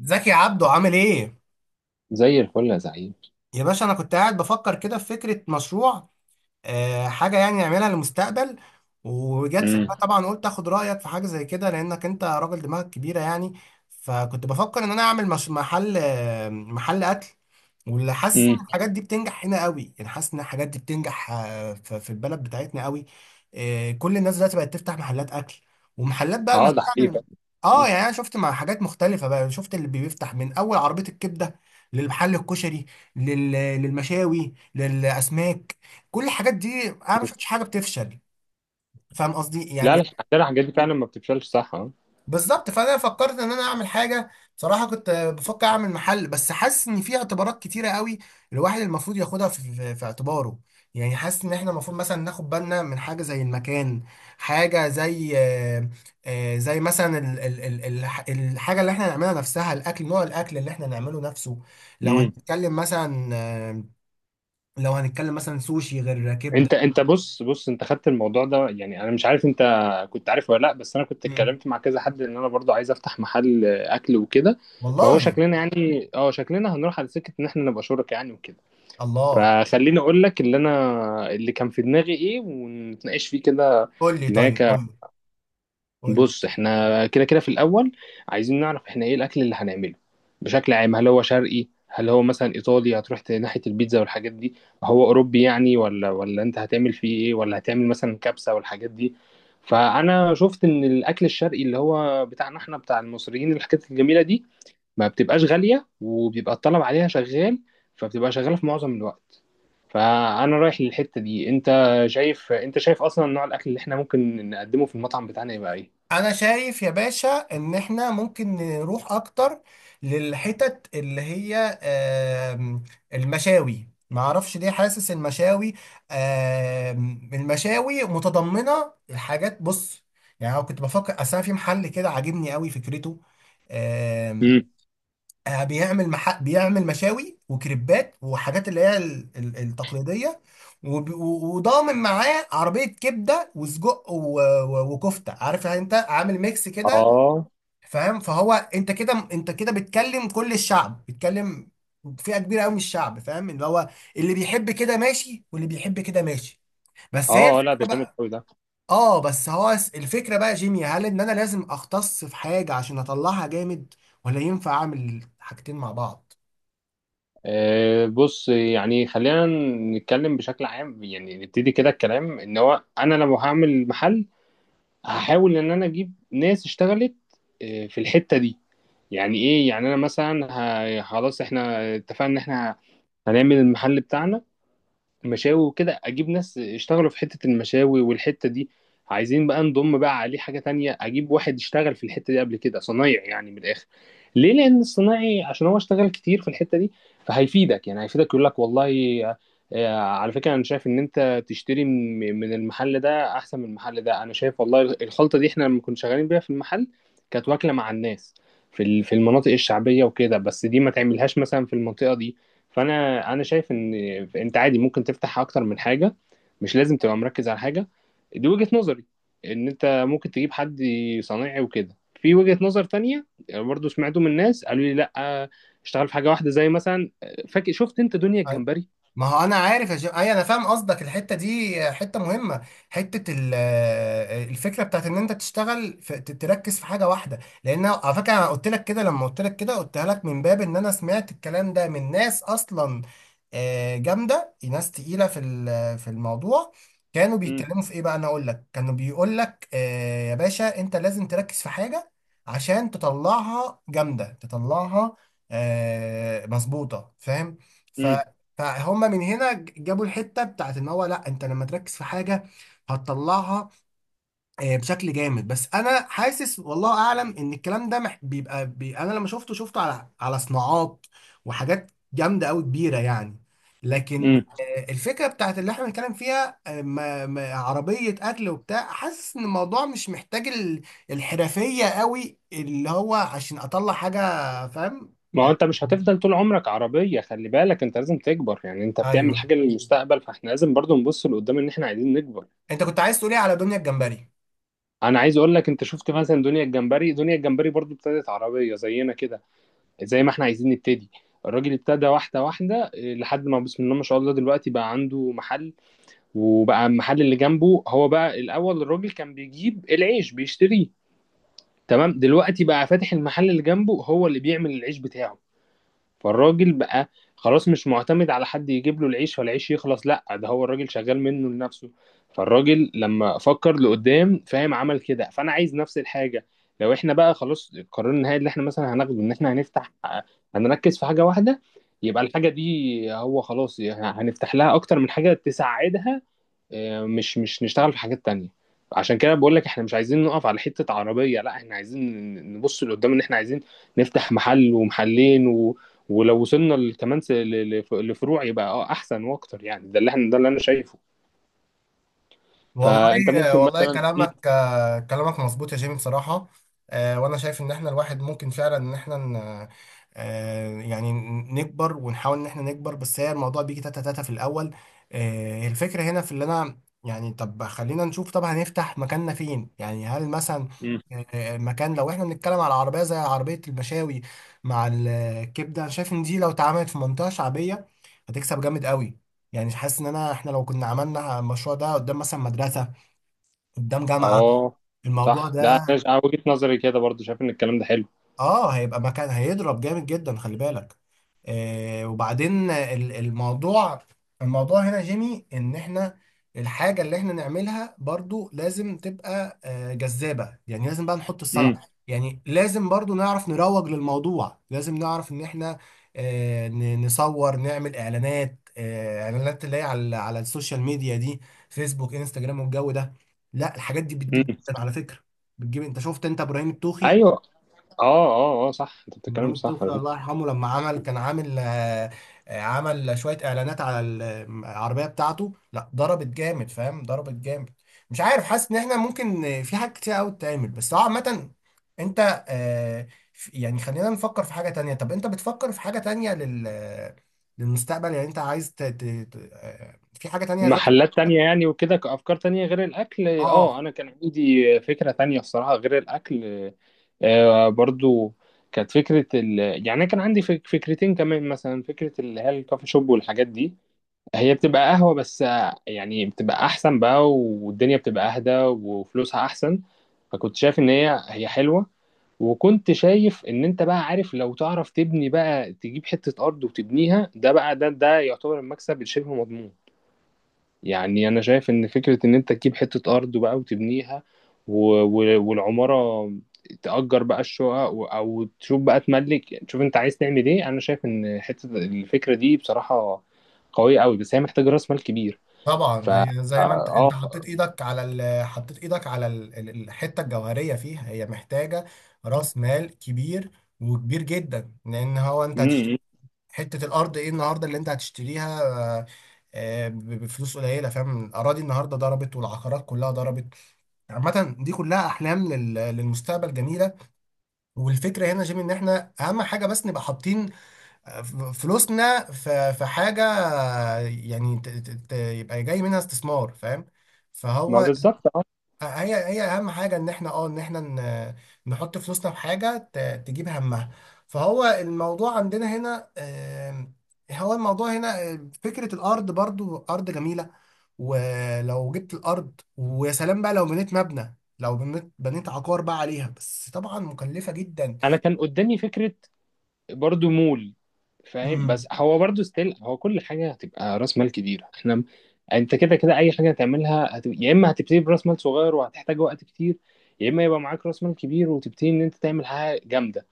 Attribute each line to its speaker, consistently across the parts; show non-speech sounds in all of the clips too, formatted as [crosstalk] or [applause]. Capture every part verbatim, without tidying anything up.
Speaker 1: زكي عبده عامل ايه؟
Speaker 2: زي الفل يا زعيم.
Speaker 1: يا باشا انا كنت قاعد بفكر كده في فكرة مشروع. آه، حاجة يعني نعملها للمستقبل. وجت في دماغي
Speaker 2: امم
Speaker 1: طبعا، قلت اخد رأيك في حاجة زي كده لأنك انت راجل دماغك كبيرة يعني. فكنت بفكر ان انا اعمل مش محل، آه، محل اكل، واللي حاسس ان
Speaker 2: امم
Speaker 1: الحاجات دي بتنجح هنا قوي، يعني حاسس ان الحاجات دي بتنجح، آه، ف- في البلد بتاعتنا قوي. آه، كل الناس دلوقتي بقت تفتح محلات اكل ومحلات، بقى ما
Speaker 2: اه ده حقيقي
Speaker 1: تعمل.
Speaker 2: فعلا.
Speaker 1: اه
Speaker 2: مم.
Speaker 1: يعني انا شفت مع حاجات مختلفة بقى، شفت اللي بيفتح من اول عربية الكبدة، للمحل الكشري، لل- للمشاوي، للاسماك، كل الحاجات دي انا ما شفتش حاجه بتفشل. فاهم قصدي
Speaker 2: لا
Speaker 1: يعني.
Speaker 2: لا، فعلا الحاجات دي فعلا ما بتفشلش، صح اه.
Speaker 1: بالظبط. فانا فكرت ان انا اعمل حاجه. بصراحه كنت بفكر اعمل محل، بس حاسس ان في اعتبارات كتيره قوي الواحد المفروض ياخدها في, في, في اعتباره. يعني حاسس ان احنا المفروض مثلا ناخد بالنا من حاجه زي المكان، حاجه زي، آه، آه، زي مثلا ال ال ال ال الحاجه اللي احنا نعملها نفسها، الاكل، نوع الاكل اللي احنا نعمله نفسه. لو
Speaker 2: امم
Speaker 1: هنتكلم مثلا آه، لو هنتكلم مثلا سوشي غير كبده.
Speaker 2: انت انت بص بص، انت خدت الموضوع ده، يعني انا مش عارف انت كنت عارف ولا لا، بس انا كنت
Speaker 1: مم.
Speaker 2: اتكلمت مع كذا حد ان انا برضو عايز افتح محل اكل وكده. فهو
Speaker 1: والله.
Speaker 2: شكلنا يعني اه، شكلنا هنروح على سكه ان احنا نبقى شركاء يعني وكده.
Speaker 1: الله.
Speaker 2: فخليني اقول لك اللي انا اللي كان في دماغي ايه ونتناقش فيه كده.
Speaker 1: قول لي، طيب
Speaker 2: هناك،
Speaker 1: قول لي، قول لي.
Speaker 2: بص احنا كده كده في الاول عايزين نعرف احنا ايه الاكل اللي هنعمله بشكل عام، هل هو شرقي، هل هو مثلا ايطالي هتروح ت- ناحيه البيتزا والحاجات دي، هو اوروبي يعني، ولا ولا انت هتعمل فيه ايه، ولا هتعمل مثلا كبسه والحاجات دي. فانا شفت ان الاكل الشرقي اللي هو بتاعنا احنا بتاع المصريين، الحاجات الجميله دي ما بتبقاش غاليه، وبيبقى الطلب عليها شغال، فبتبقى شغاله في معظم الوقت. فانا رايح للحته دي. انت شايف، انت شايف اصلا نوع الاكل اللي احنا ممكن نقدمه في المطعم بتاعنا يبقى ايه؟
Speaker 1: انا شايف يا باشا ان احنا ممكن نروح اكتر للحتت اللي هي، آم، المشاوي. ما اعرفش ليه حاسس المشاوي، آم، المشاوي متضمنه الحاجات، بص، يعني انا كنت بفكر اصل أنا في محل كده عاجبني قوي فكرته. آمم،
Speaker 2: مم.
Speaker 1: آه، بيعمل مح... بيعمل مشاوي وكريبات وحاجات اللي هي ال- ال- التقليديه، وب... و- وضامن معاه عربيه كبده وسجق و... و... وكفته، عارف يعني، انت عامل ميكس كده.
Speaker 2: اه.
Speaker 1: فاهم؟ فهو انت كده انت كده بتكلم كل الشعب، بتكلم فئه كبيره قوي من الشعب. فاهم اللي هو اللي بيحب كده ماشي، واللي بيحب كده ماشي. بس هي
Speaker 2: اه، لا ده
Speaker 1: الفكره
Speaker 2: جامد
Speaker 1: بقى.
Speaker 2: قوي ده.
Speaker 1: اه، بس هو س- الفكره بقى جيمي، هل ان انا لازم اختص في حاجه عشان اطلعها جامد، ولا ينفع اعمل حاجتين مع بعض؟
Speaker 2: آه بص، يعني خلينا نتكلم بشكل عام يعني، نبتدي كده الكلام ان هو انا لو هعمل محل هحاول ان انا اجيب ناس اشتغلت آه في الحتة دي. يعني ايه؟ يعني انا مثلا، ه- خلاص احنا اتفقنا ان احنا هنعمل المحل بتاعنا مشاوي وكده، اجيب ناس يشتغلوا في حتة المشاوي والحتة دي. عايزين بقى نضم بقى عليه حاجة تانية، اجيب واحد يشتغل في الحتة دي قبل كده، صنايعي يعني من الاخر. ليه؟ لان الصنايعي عشان هو اشتغل كتير في الحتة دي، فهيفيدك يعني، هيفيدك يقول لك والله آه، على فكرة انا شايف ان انت تشتري من من المحل ده احسن من المحل ده، انا شايف والله الخلطة دي احنا لما كنا شغالين بيها في المحل كانت واكلة مع الناس في ال- في المناطق الشعبية وكده، بس دي ما تعملهاش مثلا في المنطقة دي. فانا، انا شايف ان انت عادي ممكن تفتح اكتر من حاجه، مش لازم تبقى مركز على حاجه، دي وجهه نظري، ان انت ممكن تجيب حد صنايعي وكده. في وجهه نظر تانية برضو سمعته من ناس قالوا لي لا، اشتغل في حاجه واحده زي مثلا، فاكر شفت انت دنيا الجمبري؟
Speaker 1: ما هو انا عارف يا جماعه، اي انا فاهم قصدك. الحته دي حته مهمه، حته ال- الفكره بتاعت ان انت تشتغل في ت- تركز في حاجه واحده. لان على فكره، انا قلت لك كده، لما قلت لك كده قلتها لك من باب ان انا سمعت الكلام ده من ناس اصلا آه، جامده، ناس تقيله في ال- في الموضوع. كانوا
Speaker 2: امم
Speaker 1: بيتكلموا في ايه بقى، انا اقول لك، كانوا بيقول لك آه، يا باشا انت لازم تركز في حاجه عشان تطلعها جامده، تطلعها آه، مظبوطه. فاهم؟
Speaker 2: امم
Speaker 1: فهم من هنا ج- جابوا الحته بتاعت ان هو لا، انت لما تركز في حاجه هتطلعها آه، بشكل جامد. بس انا حاسس والله اعلم ان الكلام ده مح- بيبقى بي، انا لما شفته شفته على على صناعات وحاجات جامده قوي كبيره يعني. لكن
Speaker 2: امم
Speaker 1: آه، الفكره بتاعت اللي احنا بنتكلم فيها، آه، ما- ما- عربيه اكل وبتاع، حاسس ان الموضوع مش محتاج ال- الحرفيه قوي اللي هو عشان اطلع حاجه. فاهم؟
Speaker 2: ما هو
Speaker 1: آه،
Speaker 2: انت مش هتفضل طول عمرك عربيه، خلي بالك انت لازم تكبر يعني، انت
Speaker 1: ايوه،
Speaker 2: بتعمل حاجه للمستقبل، فاحنا لازم برضو نبص لقدام ان احنا عايزين نكبر.
Speaker 1: انت كنت عايز تقولي على دنيا الجمبري.
Speaker 2: انا عايز اقول لك، انت شفت مثلا دنيا الجمبري، دنيا الجمبري برضو ابتدت عربيه زينا كده، زي ما احنا عايزين نبتدي. الراجل ابتدى واحدة واحدة إيه، لحد ما بسم الله ما شاء الله دلوقتي بقى عنده محل، وبقى المحل اللي جنبه هو، بقى الأول الراجل كان بيجيب العيش بيشتريه، تمام، دلوقتي بقى فاتح المحل اللي جنبه هو اللي بيعمل العيش بتاعه. فالراجل بقى خلاص مش معتمد على حد يجيب له العيش فالعيش يخلص، لا ده هو الراجل شغال منه لنفسه. فالراجل لما فكر لقدام، فاهم، عمل كده. فانا عايز نفس الحاجه. لو احنا بقى خلاص القرار النهائي اللي احنا مثلا هناخده ان احنا هنفتح، هنركز في حاجه واحده، يبقى الحاجه دي هو خلاص يعني هنفتح لها اكتر من حاجه تساعدها، آه، مش، مش نشتغل في حاجات تانية. عشان كده بقول لك احنا مش عايزين نقف على حتة عربية، لا احنا عايزين نبص لقدام، ان احنا عايزين نفتح محل ومحلين و... ولو وصلنا ل- كمان س- ل- ل- لفروع يبقى اه احسن واكتر يعني. ده اللي احنا، ده اللي انا شايفه. فانت
Speaker 1: والله
Speaker 2: ممكن
Speaker 1: والله
Speaker 2: مثلا [laughs] مم.
Speaker 1: كلامك آه، كلامك مظبوط يا جيمي، بصراحة. آه، وأنا شايف إن إحنا الواحد ممكن فعلا إن إحنا ن- آه، يعني نكبر، ونحاول إن إحنا نكبر، بس هي الموضوع بيجي تاتا تاتا في الأول. آه، الفكرة هنا في اللي أنا، يعني طب خلينا نشوف، طب هنفتح مكاننا فين يعني؟ هل مثلا
Speaker 2: مم.
Speaker 1: آه، مكان، لو إحنا بنتكلم على عربية زي عربية المشاوي مع الكبدة، أنا شايف إن دي لو اتعملت في منطقة شعبية هتكسب جامد قوي. يعني حاسس ان انا احنا لو كنا عملنا المشروع ده قدام مثلا مدرسه، قدام جامعه،
Speaker 2: اه
Speaker 1: الموضوع
Speaker 2: صح، ده
Speaker 1: ده
Speaker 2: انا ش- أنا وجهة نظري كده برضو، شايف ان الكلام ده حلو.
Speaker 1: اه هيبقى مكان هيضرب جامد جدا، خلي بالك. آه وبعدين ال- الموضوع، الموضوع هنا جيمي، ان احنا الحاجة اللي احنا نعملها برضو لازم تبقى آه جذابة. يعني لازم بقى نحط
Speaker 2: امم
Speaker 1: الصنعة، يعني لازم برضو نعرف نروج للموضوع. لازم نعرف ان احنا آه ن- نصور، نعمل اعلانات، آه اعلانات اللي هي على على السوشيال ميديا دي، فيسبوك، انستجرام، والجو ده. لا الحاجات دي بتجيب
Speaker 2: امم
Speaker 1: جدا، على فكرة بتجيب. انت شفت انت ابراهيم التوخي؟
Speaker 2: ايوه. اه اه اه، صح، انت بتتكلم
Speaker 1: ابراهيم
Speaker 2: صح.
Speaker 1: الطفل الله يرحمه، لما عمل كان عامل آه، آه، عمل شويه اعلانات على العربيه بتاعته، لا ضربت جامد، فاهم، ضربت جامد. مش عارف، حاسس ان احنا ممكن آه، في حاجات كتير قوي تتعمل، بس هو عامه. انت آه، في- يعني خلينا نفكر في حاجه تانية. طب انت بتفكر في حاجه تانية لل للمستقبل؟ يعني انت عايز ت... ت... ت- آه، في حاجه تانية غير؟
Speaker 2: محلات تانية يعني وكده، كأفكار تانية غير الأكل، اه
Speaker 1: اه،
Speaker 2: أنا كان عندي فكرة تانية الصراحة غير الأكل، آه برضو، كانت فكرة ال... يعني أنا كان عندي فك- فكرتين كمان، مثلا فكرة اللي هي الكافي شوب والحاجات دي، هي بتبقى قهوة بس آه، يعني بتبقى أحسن بقى، والدنيا بتبقى أهدى، وفلوسها أحسن، فكنت شايف إن هي، هي حلوة. وكنت شايف ان انت بقى عارف، لو تعرف تبني بقى، تجيب حتة ارض وتبنيها، ده بقى، ده ده يعتبر المكسب الشبه مضمون. يعني انا شايف ان فكرة ان انت تجيب حتة ارض بقى وتبنيها، و... و... والعمارة تأجر بقى الشقق و... او تشوف بقى تملك، تشوف انت عايز تعمل ايه. انا شايف ان حتة الفكرة دي بصراحة قوية قوي، بس هي محتاجة راس مال كبير. ف
Speaker 1: طبعا
Speaker 2: اه
Speaker 1: هي زي ما انت، انت
Speaker 2: آه.
Speaker 1: حطيت ايدك على ال... حطيت ايدك على ال... ال- الحته الجوهريه فيها، هي محتاجه راس مال كبير. وكبير جدا، لان هو انت
Speaker 2: م-
Speaker 1: هتشتري
Speaker 2: م.
Speaker 1: حته الارض ايه النهارده اللي انت هتشتريها؟ آه، آه، ب- بفلوس قليله؟ فاهم، الاراضي النهارده ضربت، والعقارات كلها ضربت. عامه دي كلها احلام لل... للمستقبل جميله. والفكره هنا يا جيمي، ان احنا اهم حاجه بس نبقى حاطين فلوسنا في في حاجة. يعني ت- ت- ت- يبقى جاي منها استثمار. فاهم؟
Speaker 2: ما
Speaker 1: فهو
Speaker 2: بالظبط اه.
Speaker 1: هي هي أهم حاجة إن إحنا، أه إن إحنا ن- نحط فلوسنا في حاجة ت- تجيب همها. فهو الموضوع عندنا هنا، آم، هو الموضوع هنا آم، فكرة الأرض. برضو أرض جميلة، ولو جبت الأرض ويا سلام بقى، لو بنيت مبنى، لو بنيت بنيت عقار بقى عليها، بس طبعا مكلفة جدا.
Speaker 2: انا كان قدامي فكرة برضو، مول، فاهم،
Speaker 1: مم.
Speaker 2: بس هو برضو ستيل هو كل حاجه هتبقى راس مال كبيره، احنا م- انت كده كده اي حاجه هتعملها هت... يا اما هتبتدي براس مال صغير وهتحتاج وقت كتير، يا اما يبقى معاك راس مال كبير وتبتدي ان انت تعمل حاجه جامده.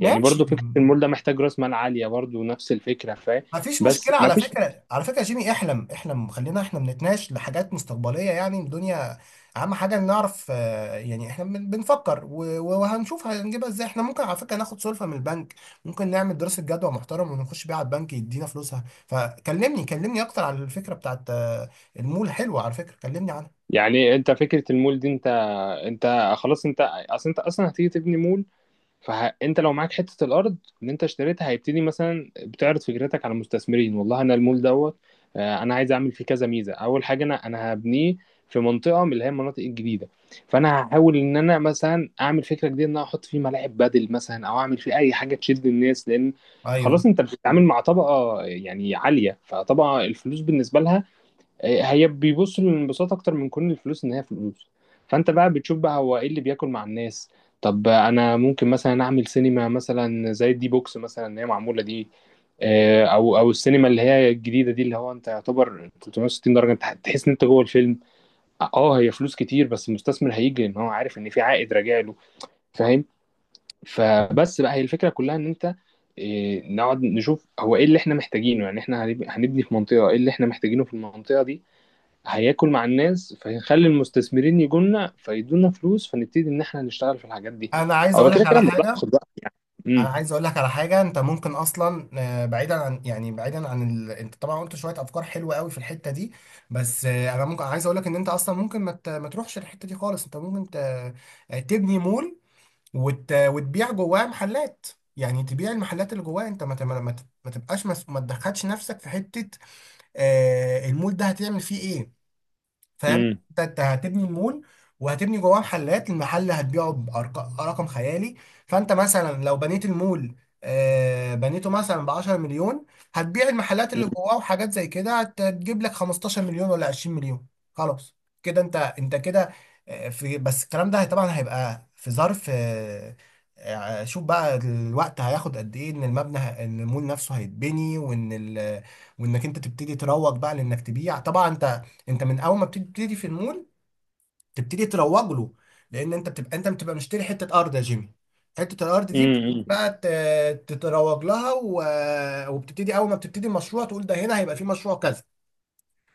Speaker 2: يعني
Speaker 1: ماشي.
Speaker 2: برضو فكره المول ده محتاج راس مال عاليه، برضو نفس الفكره فاهم.
Speaker 1: ما فيش
Speaker 2: بس
Speaker 1: مشكلة.
Speaker 2: ما
Speaker 1: على
Speaker 2: فيش.
Speaker 1: فكرة، على فكرة يا جيمي احلم، احلم، خلينا احنا بنتناقش لحاجات مستقبلية. يعني الدنيا اهم حاجة إن نعرف، آه، يعني احنا بن- بنفكر و- و- وهنشوف هنجيبها ازاي. احنا ممكن على فكرة ناخد سلفة من البنك، ممكن نعمل دراسة جدوى محترم ونخش بيها على البنك يدينا فلوسها. فكلمني، كلمني اكتر على الفكرة بتاعت آه، المول، حلوة على فكرة، كلمني عنها.
Speaker 2: يعني انت فكره المول دي، انت انت خلاص انت، اصل انت اصلا هتيجي تبني مول، فانت لو معاك حته الارض اللي انت اشتريتها، هيبتدي مثلا بتعرض فكرتك على المستثمرين، والله انا المول دوت آه، انا عايز اعمل فيه كذا ميزه، اول حاجه انا، انا هبنيه في منطقه من اللي هي المناطق الجديده، فانا هحاول ان انا مثلا اعمل فكره جديده ان انا احط فيه ملاعب بدل مثلا، او اعمل فيه اي حاجه تشد الناس، لان
Speaker 1: ايوه.
Speaker 2: خلاص انت بتتعامل مع طبقه يعني عاليه، فطبعا الفلوس بالنسبه لها، هي بيبصوا للانبساط اكتر من كون الفلوس ان هي فلوس. فانت بقى بتشوف بقى هو ايه اللي بياكل مع الناس. طب انا ممكن مثلا اعمل سينما مثلا، زي الدي بوكس مثلا اللي هي معموله دي، آه، او، او السينما اللي هي الجديده دي، اللي هو انت يعتبر ثلاث مية وستين درجه انت تحس ان انت جوه الفيلم. اه، هي فلوس كتير بس المستثمر هيجي ان هو عارف ان في عائد راجع له، فاهم. فبس بقى، هي الفكره كلها ان انت آه، نقعد نشوف هو ايه اللي احنا محتاجينه، يعني احنا هنب- هنبني في منطقه، ايه اللي احنا محتاجينه في المنطقه دي هياكل مع الناس، فهنخلي المستثمرين يجولنا فيدونا فلوس، فنبتدي ان احنا نشتغل في الحاجات دي.
Speaker 1: انا عايز
Speaker 2: هو
Speaker 1: اقول لك
Speaker 2: كده كده
Speaker 1: على
Speaker 2: الموضوع
Speaker 1: حاجة.
Speaker 2: هياخد وقت يعني.
Speaker 1: انا
Speaker 2: امم
Speaker 1: عايز اقول لك على حاجه، انت ممكن اصلا آه، بعيدا عن، يعني بعيدا عن ال... انت طبعا قلت شويه افكار حلوه قوي في الحته دي، بس آه، انا ممكن عايز اقول لك ان انت اصلا ممكن ما, ت... ما تروحش الحته دي خالص. انت ممكن ت... آه، تبني مول، وت... وتبيع جواه محلات. يعني تبيع المحلات اللي جواه، انت ما ت... ما, ت... ما تبقاش مس... ما تدخلش نفسك في حته آه، المول ده هتعمل فيه ايه. فاهم؟
Speaker 2: امم
Speaker 1: انت انت هتبني المول، وهتبني جواه محلات، المحل هتبيعه برقم خيالي. فانت مثلا لو بنيت المول، آه، بنيته مثلا ب عشرة مليون، هتبيع المحلات اللي جواه وحاجات زي كده هت- هتجيب لك خمستاشر مليون ولا عشرين مليون. خلاص، كده انت، انت كده آه، في بس الكلام ده طبعا هيبقى في ظرف، آه، آه، شوف بقى الوقت هياخد قد ايه، ان المبنى ه- ان المول نفسه هيتبني، وان ال- وانك انت تبتدي تروج بقى، لانك تبيع. طبعا انت انت من اول ما بتبتدي في المول تبتدي تروج له، لان انت بتبقى انت بتبقى مشتري حته ارض يا جيمي. حته الارض دي
Speaker 2: امم
Speaker 1: بقى ت- تتروج لها، و... وبتبتدي اول ما بتبتدي المشروع تقول ده هنا هيبقى في مشروع كذا.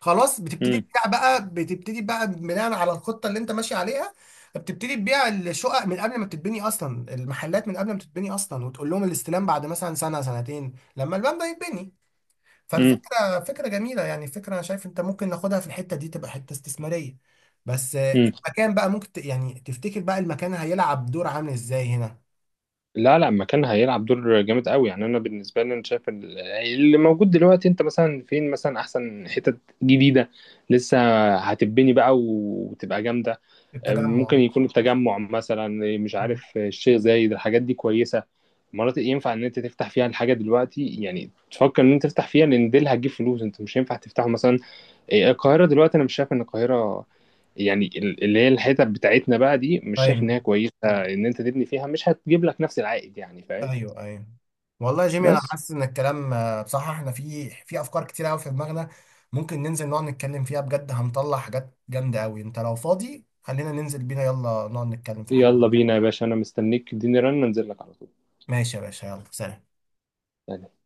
Speaker 1: خلاص بتبتدي
Speaker 2: امم
Speaker 1: تبيع بقى، بتبتدي بقى بناء على الخطه اللي انت ماشي عليها، بتبتدي تبيع الشقق من قبل ما تتبني اصلا، المحلات من قبل ما تتبني اصلا، وتقول لهم الاستلام بعد مثلا سنه سنتين لما الباب ده يتبني.
Speaker 2: امم
Speaker 1: فالفكرة فكرة جميلة، يعني فكرة أنا شايف أنت ممكن ناخدها، في الحتة دي تبقى حتة استثمارية، بس آه،
Speaker 2: امم
Speaker 1: المكان بقى ممكن ت- يعني تفتكر بقى المكان هيلعب دور عامل إزاي هنا؟
Speaker 2: لا لا، مكان هيلعب دور جامد قوي يعني. انا بالنسبه لي انا شايف ال- اللي موجود دلوقتي، انت مثلا فين مثلا احسن حتت جديده لسه هتبني بقى وتبقى جامده،
Speaker 1: في التجمع.
Speaker 2: ممكن يكون التجمع مثلا، مش
Speaker 1: مم.
Speaker 2: عارف، الشيخ زايد، الحاجات دي كويسه، مناطق ينفع ان انت تفتح فيها الحاجه دلوقتي، يعني تفكر ان انت تفتح فيها لان دي اللي هتجيب فلوس. انت مش هينفع تفتحه مثلا إيه، القاهره دلوقتي، انا مش شايف ان القاهره يعني ال- اللي هي الحتت بتاعتنا بقى دي، مش شايف ان
Speaker 1: أيوه،
Speaker 2: هي كويسه ان انت تبني فيها، مش هتجيب لك نفس العائد يعني فاهم.
Speaker 1: أيوه، أيوه. والله يا جيمي أنا
Speaker 2: بس
Speaker 1: حاسس إن الكلام آه، بصراحة إحنا في في أفكار كتير أوي في دماغنا، ممكن ننزل نقعد نتكلم فيها بجد، هنطلع حاجات جامدة أوي. أنت لو فاضي خلينا ننزل بينا، يلا نقعد نتكلم في الحاجات دي.
Speaker 2: يلا بينا يا باشا، انا مستنيك، اديني رن انزل لك على
Speaker 1: ماشي يا باشا، يلا سلام.
Speaker 2: طول.